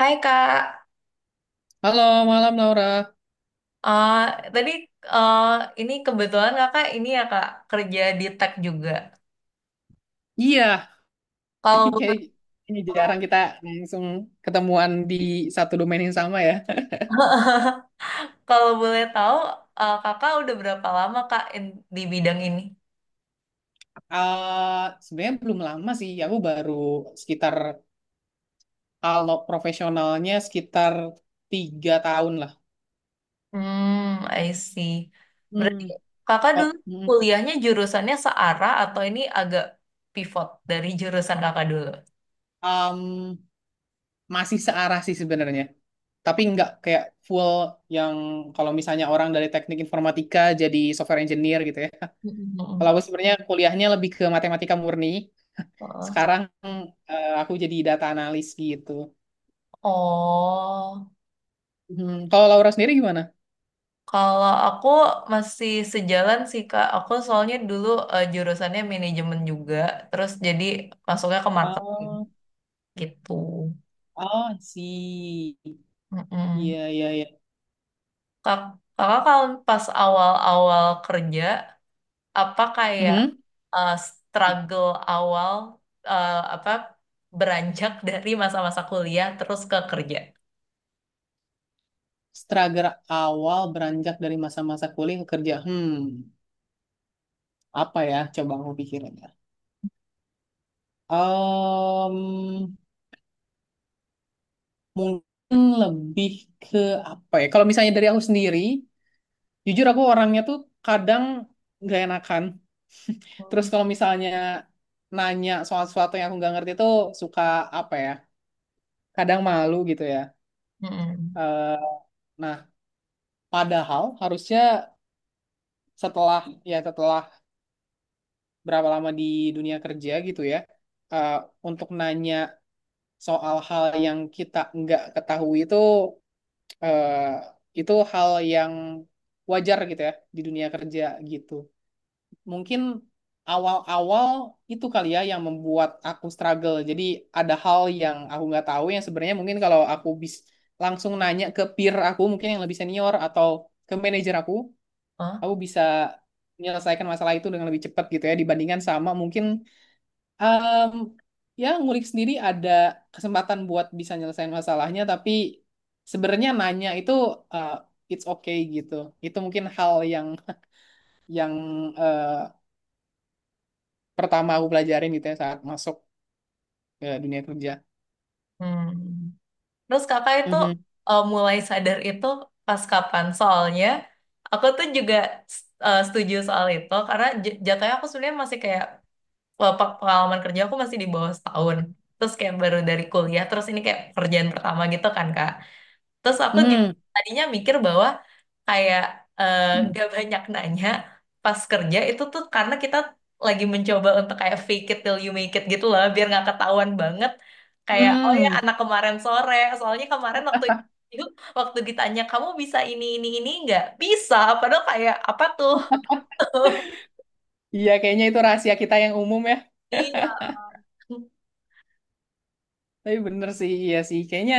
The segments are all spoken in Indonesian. Hai Kak. Halo, malam Laura. Eh Tadi, eh ini kebetulan Kakak ini ya Kak kerja di tech juga. Iya, Kalau kayak boleh ini tahu, jarang kita langsung ketemuan di satu domain yang sama ya. kalau boleh tahu, Kakak udah berapa lama Kak di bidang ini? Sebenarnya belum lama sih, aku baru sekitar kalau profesionalnya sekitar 3 tahun lah. Hmm, I see. Berarti Hmm. Kakak dulu Oh, mm. kuliahnya jurusannya searah atau ini agak pivot dari jurusan Kakak dulu? Em, Masih searah sih sebenarnya, tapi nggak kayak full yang kalau misalnya orang dari teknik informatika jadi software engineer gitu ya. Kalau Mm-mm. aku sebenarnya kuliahnya lebih ke matematika murni. Sekarang aku jadi data analis gitu. Oh. Kalau Laura sendiri gimana? Kalau aku masih sejalan sih Kak. Aku soalnya dulu, jurusannya manajemen juga, terus jadi masuknya ke marketing Oh, gitu. oh, I see. Mm-mm. Iya, iya, iya. Kak, kakak kalau pas awal-awal kerja, apa kayak Mhm. Struggle awal, apa beranjak dari masa-masa kuliah terus ke kerja? Struggle awal beranjak dari masa-masa kuliah ke kerja. Apa ya? Coba aku pikirin ya. Em, Mungkin lebih ke apa ya? Kalau misalnya dari aku sendiri, jujur aku orangnya tuh kadang nggak enakan. Terus Hmm. kalau misalnya nanya soal sesuatu yang aku nggak ngerti tuh suka apa ya? Kadang malu gitu ya. Mm-mm. Eh, nah, padahal harusnya setelah setelah berapa lama di dunia kerja gitu ya, eh, untuk nanya soal hal yang kita nggak ketahui itu eh, itu hal yang wajar gitu ya di dunia kerja gitu. Mungkin awal-awal itu kali ya yang membuat aku struggle. Jadi ada hal yang aku nggak tahu yang sebenarnya mungkin kalau aku bisa langsung nanya ke peer aku mungkin yang lebih senior atau ke manajer Hah? aku bisa menyelesaikan masalah itu dengan lebih cepat gitu ya dibandingkan sama mungkin em, ya ngulik sendiri ada kesempatan buat bisa nyelesain masalahnya, tapi sebenarnya nanya itu eh, it's okay gitu. Itu mungkin hal yang yang uh, pertama aku pelajarin gitu ya saat masuk ke dunia kerja. Hmm. Terus kakak itu Mhm. Mulai sadar itu pas kapan? Soalnya aku tuh juga setuju soal itu karena jatuhnya aku sebenarnya masih kayak pengalaman kerja aku masih di bawah setahun. Terus kayak baru dari kuliah, terus ini kayak pekerjaan pertama gitu kan Kak. Terus aku juga Mhm. tadinya mikir bahwa kayak eh, gak banyak nanya pas kerja itu tuh karena kita lagi mencoba untuk kayak fake it till you make it gitu lah biar nggak ketahuan banget, kayak oh ya Hmm. anak kemarin sore, soalnya kemarin waktu itu waktu ditanya kamu bisa ini nggak bisa padahal kayak apa tuh. Iya, kayaknya itu rahasia kita yang umum ya. Iya. Tapi bener sih, iya sih. Kayaknya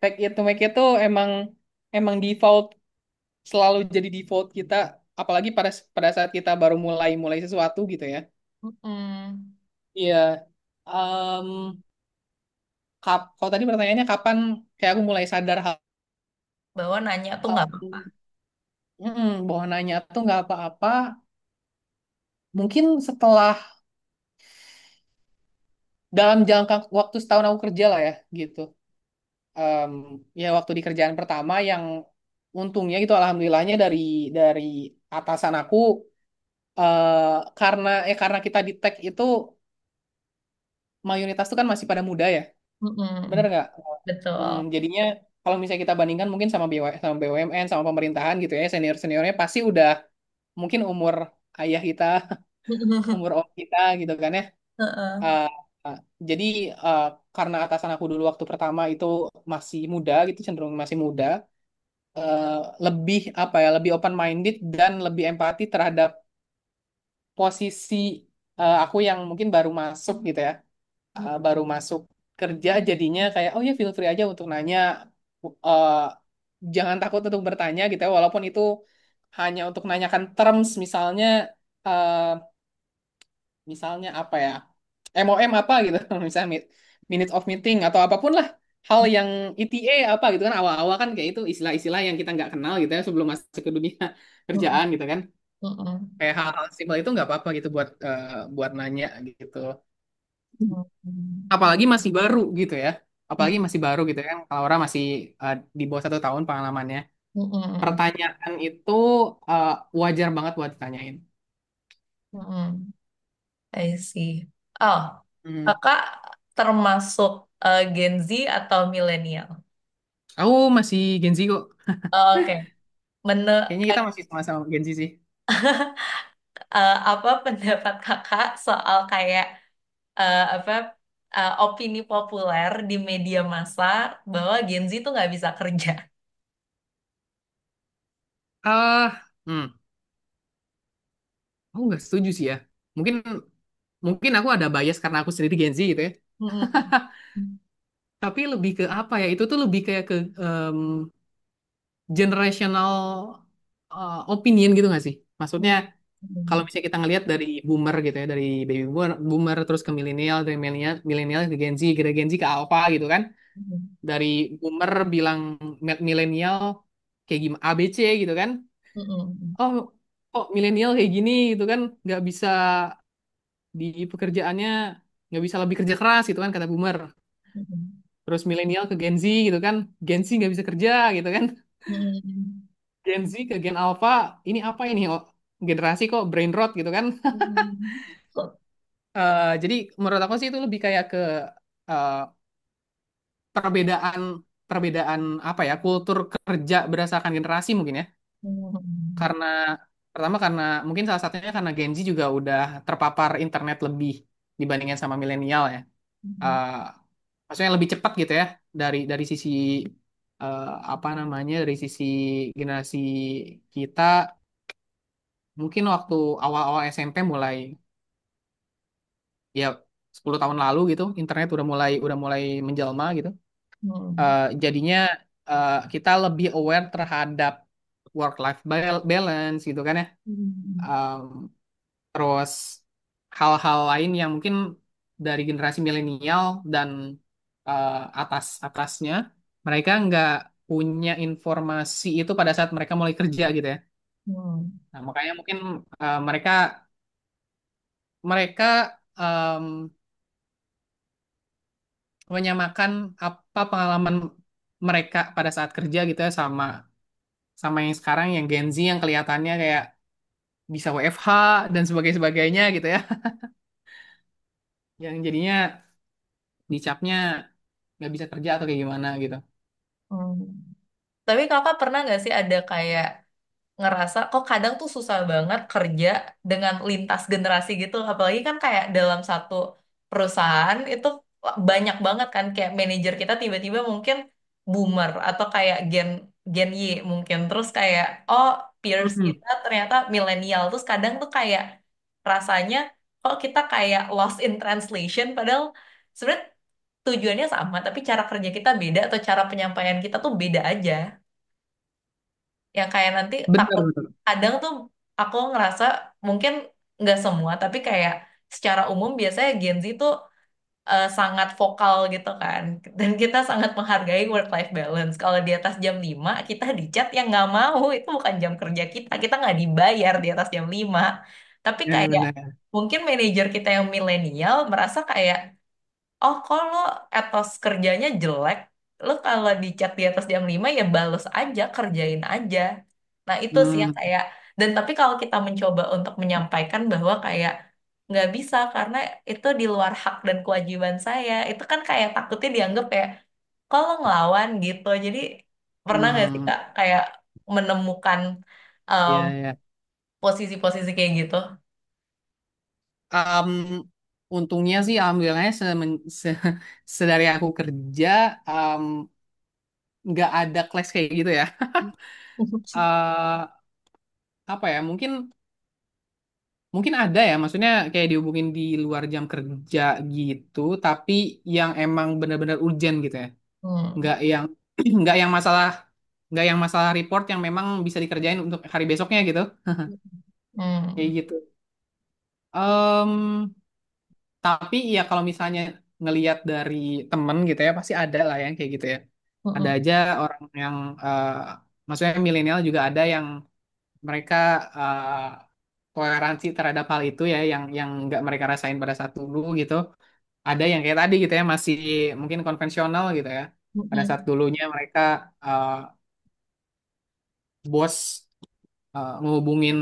take it to make it tuh emang emang default, selalu jadi default kita apalagi pada pada saat kita baru mulai mulai sesuatu gitu ya. Mm-mm. Iya. Em, kalau tadi pertanyaannya kapan kayak aku mulai sadar hal, Bahwa nanya tuh nggak hal. apa-apa. Bahwa nanya tuh nggak apa-apa. Mungkin setelah dalam jangka waktu setahun aku kerja lah ya gitu. Em, Ya waktu di kerjaan pertama yang untungnya gitu, alhamdulillahnya dari atasan aku, karena kita di tech itu mayoritas tuh kan masih pada muda ya, bener Mm-mm. nggak? Betul. Jadinya kalau misalnya kita bandingkan mungkin sama BW, sama BUMN, sama pemerintahan gitu ya, senior seniornya pasti udah mungkin umur ayah kita, umur om kita gitu kan ya. Heeh. Eh, eh, jadi eh, karena atasan aku dulu waktu pertama itu masih muda gitu, cenderung masih muda, eh, lebih apa ya, lebih open minded dan lebih empati terhadap posisi aku yang mungkin baru masuk gitu ya. Baru masuk kerja jadinya kayak oh ya feel free aja untuk nanya. Eh, Jangan takut untuk bertanya gitu ya, walaupun itu hanya untuk nanyakan terms misalnya. eh, Misalnya apa ya, MOM apa gitu misalnya minute of meeting atau apapun lah, hal yang ETA apa gitu kan. Awal-awal kan kayak itu istilah-istilah yang kita nggak kenal gitu ya sebelum masuk ke dunia Mm-mm. kerjaan gitu kan, Mm-mm. kayak hal-hal simpel itu nggak apa-apa gitu buat buat nanya gitu, Mm-mm. apalagi masih baru gitu ya, apalagi masih baru gitu kan. Kalau orang masih di bawah 1 tahun pengalamannya, Mm-mm. pertanyaan itu eh, wajar banget buat ditanyain. Mm-mm. I see. Oh, Hmm. kakak termasuk Gen Z atau milenial? Aku masih Gen Z kok. Oke. Menu, Kayaknya kita masih sama-sama Gen Z sih. Apa pendapat kakak soal kayak apa opini populer di media massa bahwa Gen Z itu nggak bisa kerja? ah hmm, aku nggak setuju sih ya. Mungkin mungkin aku ada bias karena aku sendiri Gen Z gitu ya. Mm-mm. Tapi lebih ke apa ya? Itu tuh lebih kayak ke em, generational opinion gitu nggak sih? Maksudnya kalau Mm-mm. misalnya kita ngelihat dari boomer gitu ya, dari baby boomer, boomer terus ke milenial, dari milenial milenial ke Gen Z, dari Gen Z ke alpha gitu kan. Dari boomer bilang milenial kayak gimana ABC gitu kan. Mm-mm. Oh, kok milenial kayak gini gitu kan, nggak bisa di pekerjaannya, nggak bisa lebih kerja keras gitu kan kata boomer. Mm-mm. Terus milenial ke Gen Z gitu kan, Gen Z nggak bisa kerja gitu kan. Mm-mm. Gen Z ke Gen Alpha ini apa ini oh, generasi kok brain rot gitu kan. Mm-mm. Mm-mm. Jadi menurut aku sih itu lebih kayak ke eh, perbedaan perbedaan apa ya, kultur kerja berdasarkan generasi mungkin ya. Mm-mm. Karena pertama karena mungkin salah satunya karena Gen Z juga udah terpapar internet lebih dibandingkan sama milenial ya. eh, Maksudnya lebih cepat gitu ya dari sisi, eh, apa namanya, dari sisi generasi kita mungkin waktu awal-awal SMP mulai, ya 10 tahun lalu gitu internet udah mulai menjelma gitu. Mm-mm. Mm-mm. Jadinya kita lebih aware terhadap work life balance gitu kan ya. Mm-mm. Terus hal-hal lain yang mungkin dari generasi milenial dan eh, atas atasnya mereka nggak punya informasi itu pada saat mereka mulai kerja gitu ya. Mm-mm. Nah, makanya mungkin mereka mereka em, menyamakan apa pengalaman mereka pada saat kerja gitu ya sama sama yang sekarang, yang Gen Z yang kelihatannya kayak bisa WFH dan sebagainya sebagainya gitu ya. Yang jadinya dicapnya nggak bisa kerja atau kayak gimana gitu. Mm-mm. Tapi kakak pernah nggak sih ada kayak ngerasa kok kadang tuh susah banget kerja dengan lintas generasi gitu, apalagi kan kayak dalam satu perusahaan itu banyak banget kan, kayak manajer kita tiba-tiba mungkin boomer atau kayak gen gen Y mungkin, terus kayak oh peers Mhm. kita ternyata milenial, terus kadang tuh kayak rasanya kok kita kayak lost in translation, padahal sebenarnya tujuannya sama tapi cara kerja kita beda atau cara penyampaian kita tuh beda aja, yang kayak nanti Benar, takut. benar. Kadang tuh aku ngerasa, mungkin nggak semua tapi kayak secara umum biasanya Gen Z tuh sangat vokal gitu kan, dan kita sangat menghargai work life balance. Kalau di atas jam 5 kita dicat yang nggak mau, itu bukan jam kerja kita kita nggak dibayar di atas jam 5. Tapi Ya, kayak benar. mungkin manajer kita yang milenial merasa kayak, oh, kalau etos kerjanya jelek, lo kalau di chat di atas jam 5 ya bales aja, kerjain aja. Nah, itu sih yang Hmm, kayak, dan tapi kalau kita mencoba untuk menyampaikan bahwa kayak nggak bisa karena itu di luar hak dan kewajiban saya, itu kan kayak takutnya dianggap kayak kalau ngelawan gitu. Jadi pernah nggak sih hmm, Kak kayak menemukan em, ya, ya. posisi-posisi kayak gitu? Am, untungnya sih, alhamdulillahnya semen- se sedari aku kerja, am, nggak ada clash kayak gitu ya. Eh apa ya? Mungkin ada ya. Maksudnya kayak dihubungin di luar jam kerja gitu, tapi yang emang benar-benar urgent gitu ya. Hmm. Nggak yang, nggak yang masalah, nggak yang masalah report yang memang bisa dikerjain untuk hari besoknya gitu. Kayak Hmm. gitu. Tapi ya kalau misalnya ngelihat dari temen gitu ya pasti ada lah yang kayak gitu ya. Ada Hmm. aja orang yang eh, maksudnya milenial juga ada yang mereka eh, toleransi terhadap hal itu ya, yang nggak mereka rasain pada saat dulu gitu. Ada yang kayak tadi gitu ya, masih mungkin konvensional gitu ya. Hmm. Pada Hmm. saat dulunya mereka, eh, bos ngehubungin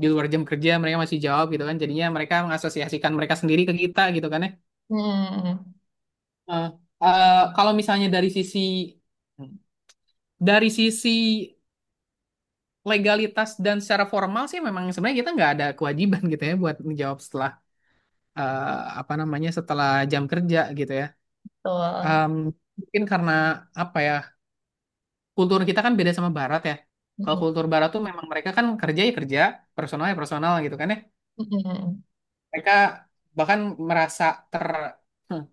di luar jam kerja, mereka masih jawab gitu kan. Jadinya mereka mengasosiasikan mereka sendiri ke kita gitu kan ya. Hmm. Hmm. Eh, eh, Kalau misalnya dari sisi dari sisi legalitas dan secara formal sih, memang sebenarnya kita nggak ada kewajiban gitu ya buat menjawab setelah eh, apa namanya, setelah jam kerja gitu ya. Betul. Em, Mungkin karena apa ya, kultur kita kan beda sama Barat ya. Kalau Mm-mm. kultur Barat tuh memang mereka kan kerja ya kerja, personal ya personal gitu kan ya. Mm-mm. Mereka bahkan merasa ter hmm,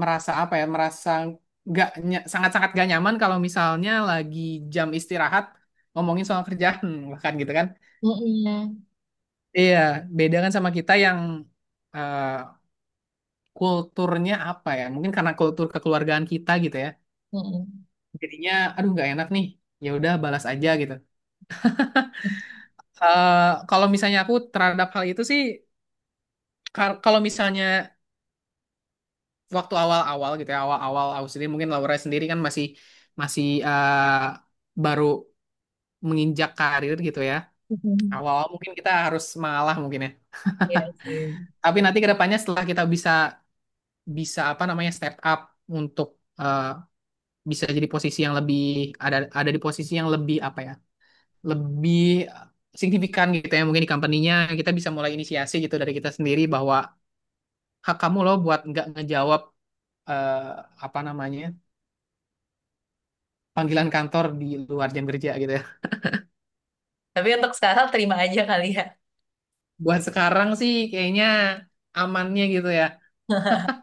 merasa apa ya, merasa nggak ny- sangat-sangat gak nyaman kalau misalnya lagi jam istirahat ngomongin soal kerjaan bahkan gitu kan, Mm-mm. iya, beda kan sama kita yang eh, kulturnya apa ya, mungkin karena kultur kekeluargaan kita gitu ya, Mm-mm. jadinya aduh nggak enak nih, ya udah balas aja gitu. Kalau misalnya aku terhadap hal itu sih, kalau misalnya waktu awal-awal gitu ya, awal-awal aku sendiri, mungkin Laura sendiri kan masih masih baru menginjak karir gitu ya, Mm-mm. awal mungkin kita harus mengalah mungkin ya. Iya sih. Tapi nanti kedepannya setelah kita bisa bisa apa namanya step up untuk bisa jadi posisi yang lebih, ada di posisi yang lebih apa ya? Lebih signifikan gitu ya, mungkin di company-nya kita bisa mulai inisiasi gitu dari kita sendiri bahwa hak kamu loh buat nggak ngejawab, eh, apa namanya, panggilan kantor di luar jam kerja gitu ya. Tapi untuk sekarang terima aja kali ya. Buat sekarang sih kayaknya amannya gitu ya.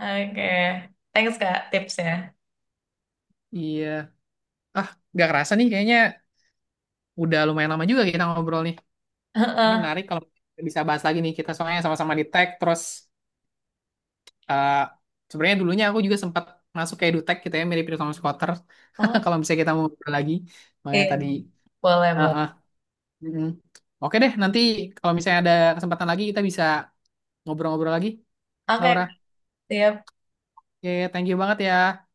Oke. Thanks Kak tipsnya. Iya. Ah, nggak kerasa nih kayaknya udah lumayan lama juga kita ngobrol nih. Ini Heeh. menarik kalau bisa bahas lagi nih kita, soalnya sama-sama di tech terus, eh, sebenarnya dulunya aku juga sempat masuk ke edutech gitu ya, mirip-mirip sama Squatter. Oh, Kalau misalnya kita mau ngobrol lagi, makanya iya. tadi. Boleh, ah ah, boleh. mm-mm. Oke deh, nanti kalau misalnya ada kesempatan lagi kita bisa ngobrol-ngobrol lagi, Oke, Kak. Laura. Siap. Ya, thank you banget ya.